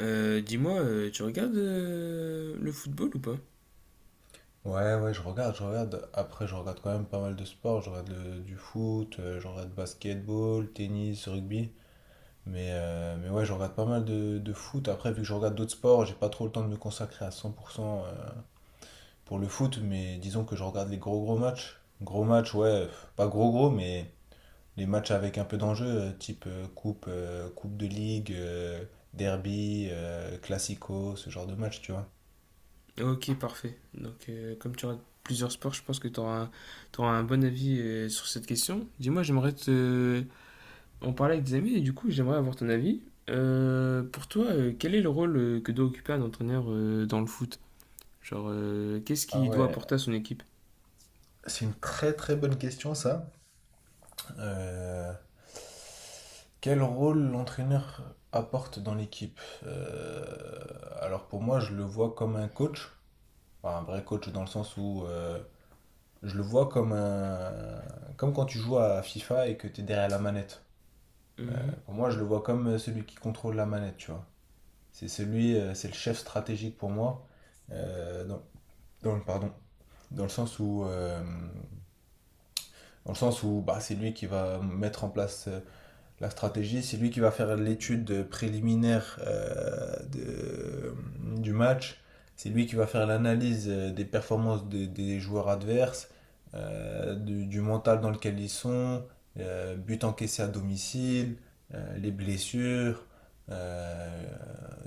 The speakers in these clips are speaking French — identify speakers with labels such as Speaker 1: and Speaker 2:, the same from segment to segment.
Speaker 1: Dis-moi, tu regardes le football ou pas?
Speaker 2: Ouais, ouais, je regarde, je regarde. Après, je regarde quand même pas mal de sports. Du foot, je regarde basketball, tennis, rugby. Mais ouais, je regarde pas mal de foot. Après, vu que je regarde d'autres sports, j'ai pas trop le temps de me consacrer à 100% pour le foot. Mais disons que je regarde les gros gros matchs. Gros matchs, ouais, pas gros gros, mais les matchs avec un peu d'enjeu, type coupe, coupe de ligue, derby, classico, ce genre de match, tu vois.
Speaker 1: Ok, parfait. Donc, comme tu regardes plusieurs sports, je pense que tu auras un bon avis sur cette question. Dis-moi, j'aimerais te en parler avec des amis et du coup, j'aimerais avoir ton avis. Pour toi, quel est le rôle que doit occuper un entraîneur dans le foot? Genre, qu'est-ce
Speaker 2: Ah
Speaker 1: qu'il doit
Speaker 2: ouais,
Speaker 1: apporter à son équipe?
Speaker 2: c'est une très très bonne question ça. Euh, Quel rôle l'entraîneur apporte dans l'équipe? Alors pour moi, je le vois comme un coach, enfin, un vrai coach dans le sens où, je le vois comme un, comme quand tu joues à FIFA et que tu es derrière la manette.
Speaker 1: Mhm.
Speaker 2: Pour moi, je le vois comme celui qui contrôle la manette, tu vois. C'est le chef stratégique pour moi. Euh, dans, dans le, pardon, Dans le sens où, bah, c'est lui qui va mettre en place la stratégie, c'est lui qui va faire l'étude préliminaire du match. C'est lui qui va faire l'analyse des joueurs adverses, du mental dans lequel ils sont, but encaissé à domicile, les blessures, euh,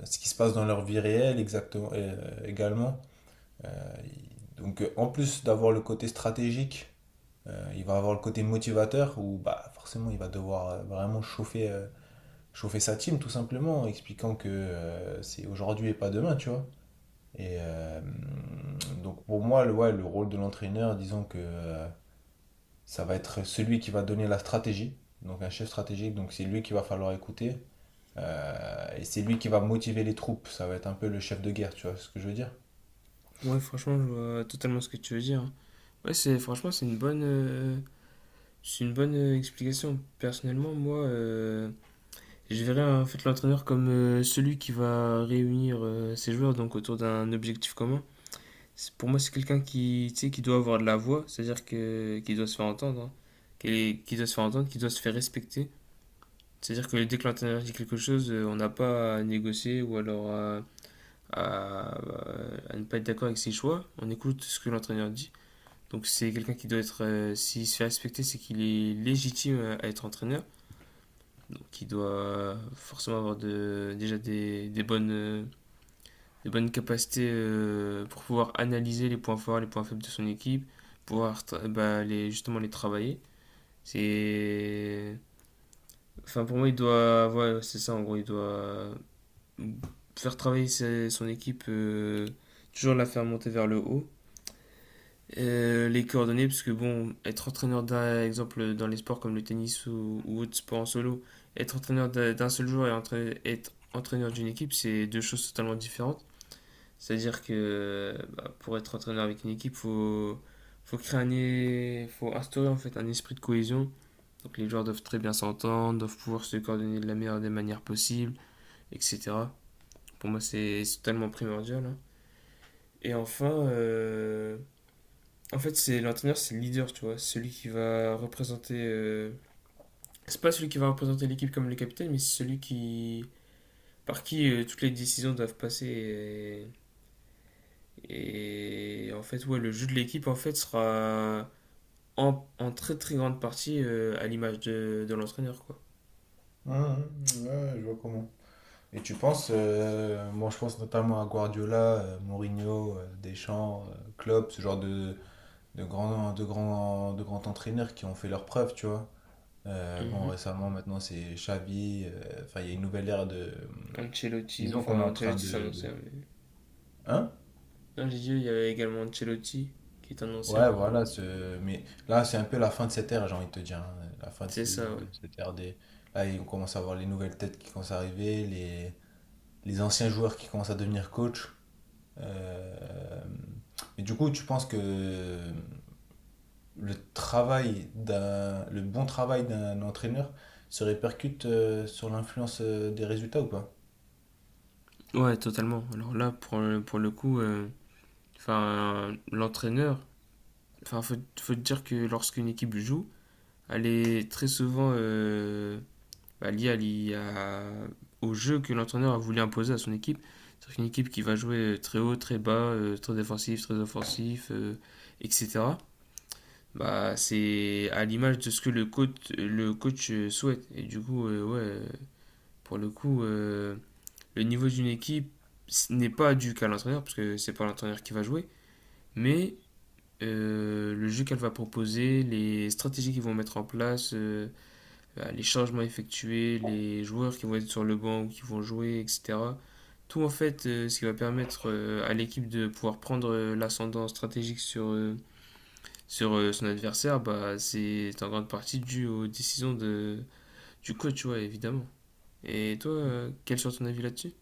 Speaker 2: ce qui se passe dans leur vie réelle exactement, également. Euh, donc, en plus d'avoir le côté stratégique, il va avoir le côté motivateur où bah, forcément il va devoir chauffer sa team tout simplement, en expliquant que c'est aujourd'hui et pas demain, tu vois. Et donc pour moi, le rôle de l'entraîneur, disons que ça va être celui qui va donner la stratégie, donc un chef stratégique, donc c'est lui qu'il va falloir écouter. Et c'est lui qui va motiver les troupes, ça va être un peu le chef de guerre, tu vois ce que je veux dire?
Speaker 1: Ouais, franchement, je vois totalement ce que tu veux dire. Ouais, c'est franchement, c'est une bonne explication. Personnellement, moi, je verrais en fait l'entraîneur comme celui qui va réunir ses joueurs, donc, autour d'un objectif commun. Pour moi, c'est quelqu'un qui, tu sais, qui doit avoir de la voix, c'est-à-dire que qui doit se faire entendre, hein. Qui doit se faire entendre, qui doit se faire respecter. C'est-à-dire que dès que l'entraîneur dit quelque chose, on n'a pas à négocier, ou alors à- à ne pas être d'accord avec ses choix. On écoute ce que l'entraîneur dit. Donc c'est quelqu'un qui doit être, s'il se fait respecter, c'est qu'il est légitime à être entraîneur, qui doit forcément avoir de, déjà des bonnes capacités pour pouvoir analyser les points forts, les points faibles de son équipe, pouvoir, bah, les, justement les travailler. C'est... Enfin, pour moi, il doit... Ouais, c'est ça, en gros, il doit faire travailler son équipe, toujours la faire monter vers le haut. Les coordonnées, parce que bon, être entraîneur d'un exemple dans les sports comme le tennis ou autres sports en solo, être entraîneur d'un seul joueur et être entraîneur d'une équipe, c'est deux choses totalement différentes. C'est-à-dire que, bah, pour être entraîneur avec une équipe, faut créer faut instaurer en fait un esprit de cohésion. Donc les joueurs doivent très bien s'entendre, doivent pouvoir se coordonner de la meilleure des manières possibles, etc. Pour moi, c'est totalement primordial, hein. Et enfin, en fait, c'est l'entraîneur, c'est le leader, tu vois. Celui qui va représenter, c'est pas celui qui va représenter l'équipe comme le capitaine, mais c'est celui qui par qui toutes les décisions doivent passer. Et en fait, ouais, le jeu de l'équipe en fait sera en très très grande partie à l'image de l'entraîneur, quoi.
Speaker 2: Mmh, mmh, ouais, je vois comment. Et tu penses, moi je pense notamment à Guardiola, Mourinho, Deschamps, Klopp, ce genre de de grands entraîneurs qui ont fait leurs preuves, tu vois. Bon,
Speaker 1: Mhm.
Speaker 2: récemment maintenant c'est Xavi, enfin il y a une nouvelle ère de...
Speaker 1: Ancelotti,
Speaker 2: Disons qu'on est
Speaker 1: enfin,
Speaker 2: en train
Speaker 1: Ancelotti c'est un ancien,
Speaker 2: de...
Speaker 1: mais
Speaker 2: Hein?
Speaker 1: non, j'ai dit il y avait également Ancelotti qui est un ancien,
Speaker 2: Ouais,
Speaker 1: mais bon,
Speaker 2: voilà, ce... mais là c'est un peu la fin de cette ère, j'ai envie de te dire, hein. La fin
Speaker 1: c'est
Speaker 2: de,
Speaker 1: ça, ouais.
Speaker 2: de cette ère des... Là, on commence à voir les nouvelles têtes qui commencent à arriver, les anciens joueurs qui commencent à devenir coach. Euh, mais du coup, tu penses que le bon travail d'un entraîneur se répercute sur l'influence des résultats ou pas?
Speaker 1: Ouais, totalement. Alors là, pour le coup, enfin, l'entraîneur, enfin, faut dire que lorsqu'une équipe joue, elle est très souvent, bah, liée au jeu que l'entraîneur a voulu imposer à son équipe. C'est-à-dire qu'une équipe qui va jouer, très haut, très bas, très défensif, très offensif, etc. Bah, c'est à l'image de ce que le coach souhaite. Et du coup, ouais, pour le coup, le niveau d'une équipe ce n'est pas dû qu'à l'entraîneur, parce que c'est pas l'entraîneur qui va jouer, mais le jeu qu'elle va proposer, les stratégies qu'ils vont mettre en place, bah, les changements effectués, les joueurs qui vont être sur le banc ou qui vont jouer, etc. Tout en fait, ce qui va permettre à l'équipe de pouvoir prendre l'ascendant stratégique sur son adversaire, bah, c'est en grande partie dû aux décisions du coach, ouais, évidemment. Et toi, quel sera ton avis là-dessus?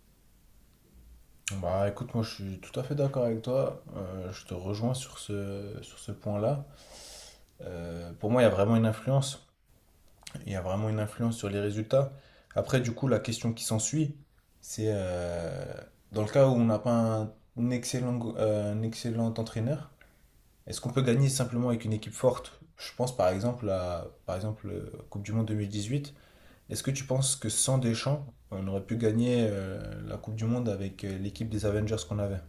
Speaker 2: Bah écoute, moi je suis tout à fait d'accord avec toi. Je te rejoins sur ce point-là. Pour moi, il y a vraiment une influence. Il y a vraiment une influence sur les résultats. Après, du coup, la question qui s'ensuit, c'est dans le cas où on n'a pas un excellent entraîneur. Est-ce qu'on peut gagner simplement avec une équipe forte? Je pense par exemple Coupe du Monde 2018. Est-ce que tu penses que sans Deschamps, on aurait pu gagner la Coupe du Monde avec l'équipe des Avengers qu'on avait?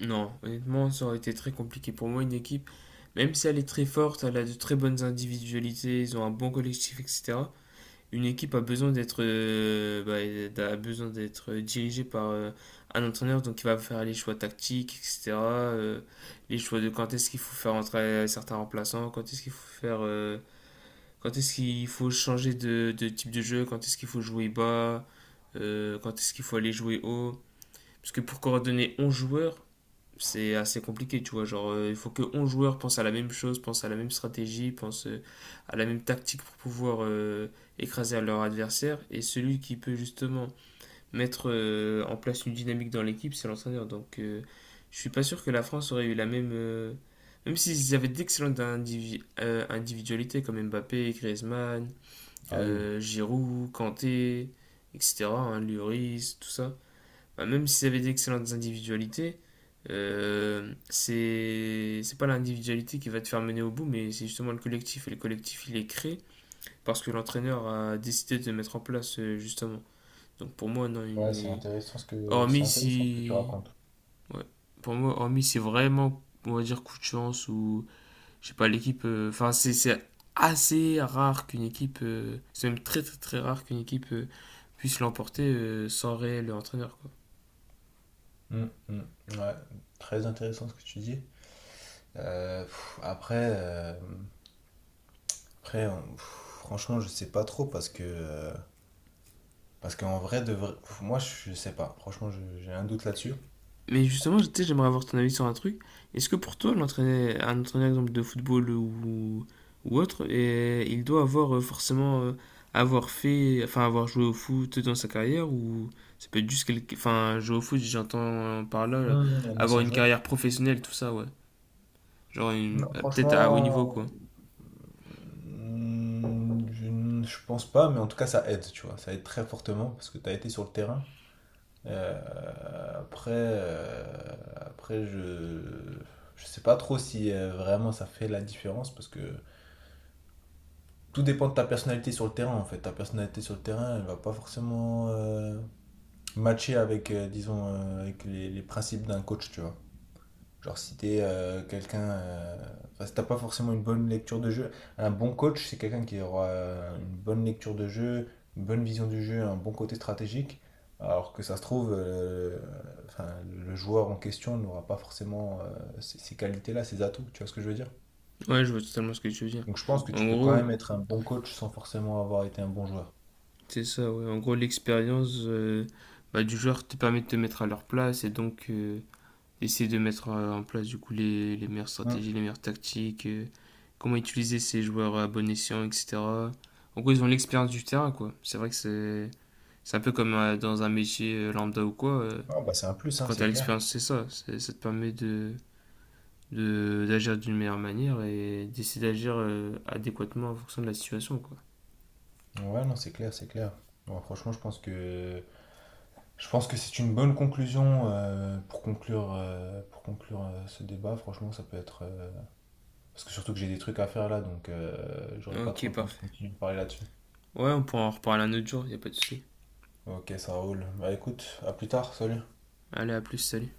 Speaker 1: Non, honnêtement, ça aurait été très compliqué pour moi. Une équipe, même si elle est très forte, elle a de très bonnes individualités, ils ont un bon collectif, etc. Une équipe a besoin d'être, bah, elle a besoin d'être dirigée par, un entraîneur, donc il va faire les choix tactiques, etc. Les choix de quand est-ce qu'il faut faire entrer certains remplaçants, quand est-ce qu'il faut faire, quand est-ce qu'il faut changer de type de jeu, quand est-ce qu'il faut jouer bas, quand est-ce qu'il faut aller jouer haut. Parce que pour coordonner 11 joueurs, c'est assez compliqué, tu vois. Genre, il faut que 11 joueurs pensent à la même chose, pensent à la même stratégie, pensent, à la même tactique pour pouvoir, écraser leur adversaire. Et celui qui peut justement mettre en place une dynamique dans l'équipe, c'est l'entraîneur. Donc, je suis pas sûr que la France aurait eu la même. Même s'ils avaient d'excellentes individualités comme Mbappé, Griezmann,
Speaker 2: Ah oui.
Speaker 1: Giroud, Kanté, etc., hein, Lloris, tout ça, bah, même s'ils avaient d'excellentes individualités, c'est pas l'individualité qui va te faire mener au bout, mais c'est justement le collectif. Et le collectif, il est créé parce que l'entraîneur a décidé de mettre en place, justement. Donc pour moi, non, il
Speaker 2: Ouais,
Speaker 1: n'est.
Speaker 2: c'est
Speaker 1: Hormis
Speaker 2: intéressant ce que tu
Speaker 1: si.
Speaker 2: racontes.
Speaker 1: Ouais. Pour moi, hormis si vraiment, on va dire, coup de chance ou. Je sais pas, l'équipe. Enfin, c'est assez rare qu'une équipe. C'est même très, très, très rare qu'une équipe puisse l'emporter sans réel entraîneur, quoi.
Speaker 2: Mm, mm, ouais, très intéressant ce que tu dis. Après, après on- pff, franchement, je sais pas trop parce que parce qu'en vrai, moi, je sais pas. Franchement, j'ai un doute là-dessus.
Speaker 1: Mais justement, tu sais, j'aimerais avoir ton avis sur un truc. Est-ce que, pour toi, un entraîneur exemple, de football ou autre, et il doit avoir forcément avoir fait, enfin, avoir joué au foot dans sa carrière, ou ça peut être juste quelque, enfin, jouer au foot, j'entends par là
Speaker 2: Mm, un
Speaker 1: avoir
Speaker 2: ancien
Speaker 1: une
Speaker 2: joueur.
Speaker 1: carrière professionnelle, tout ça, ouais. Genre,
Speaker 2: Non,
Speaker 1: peut-être à haut niveau,
Speaker 2: franchement,
Speaker 1: quoi.
Speaker 2: mm, je pense pas, mais en tout cas, ça aide, tu vois. Ça aide très fortement parce que tu as été sur le terrain. Euh, après, euh, Après, je sais pas trop si vraiment ça fait la différence parce que tout dépend de ta personnalité sur le terrain, en fait. Ta personnalité sur le terrain, elle va pas forcément matcher disons, avec les principes d'un coach, tu vois. Genre, si t'as pas forcément une bonne lecture de jeu, un bon coach, c'est quelqu'un qui aura une bonne lecture de jeu, une bonne vision du jeu, un bon côté stratégique. Alors que ça se trouve, enfin, le joueur en question n'aura pas forcément ces qualités-là, ces atouts, tu vois ce que je veux dire?
Speaker 1: Ouais, je vois totalement ce que tu veux dire.
Speaker 2: Donc je pense que
Speaker 1: En
Speaker 2: tu peux quand même
Speaker 1: gros,
Speaker 2: être un bon coach sans forcément avoir été un bon joueur.
Speaker 1: c'est ça, ouais. En gros, l'expérience, bah, du joueur te permet de te mettre à leur place et donc, essayer de mettre en place du coup les meilleures
Speaker 2: Hmm.
Speaker 1: stratégies, les meilleures tactiques, comment utiliser ces joueurs à bon escient, etc. En gros, ils ont l'expérience du terrain, quoi. C'est vrai que c'est un peu comme dans un métier lambda ou quoi.
Speaker 2: Ah, bah, c'est un plus, hein,
Speaker 1: Quand t'as
Speaker 2: c'est clair.
Speaker 1: l'expérience, c'est ça. Ça te permet d'agir d'une meilleure manière et d'essayer d'agir adéquatement en fonction de la situation, quoi.
Speaker 2: Ouais, non, c'est clair, c'est clair. Bon, franchement, je pense que c'est une bonne conclusion pour conclure ce débat. Franchement, ça peut être. Parce que surtout que j'ai des trucs à faire là, donc j'aurai pas
Speaker 1: Ok,
Speaker 2: trop le temps de
Speaker 1: parfait.
Speaker 2: continuer de parler là-dessus.
Speaker 1: Ouais, on pourra en reparler un autre jour, y a pas de souci.
Speaker 2: Ok, ça roule. Bah écoute, à plus tard, salut.
Speaker 1: Allez, à plus, salut.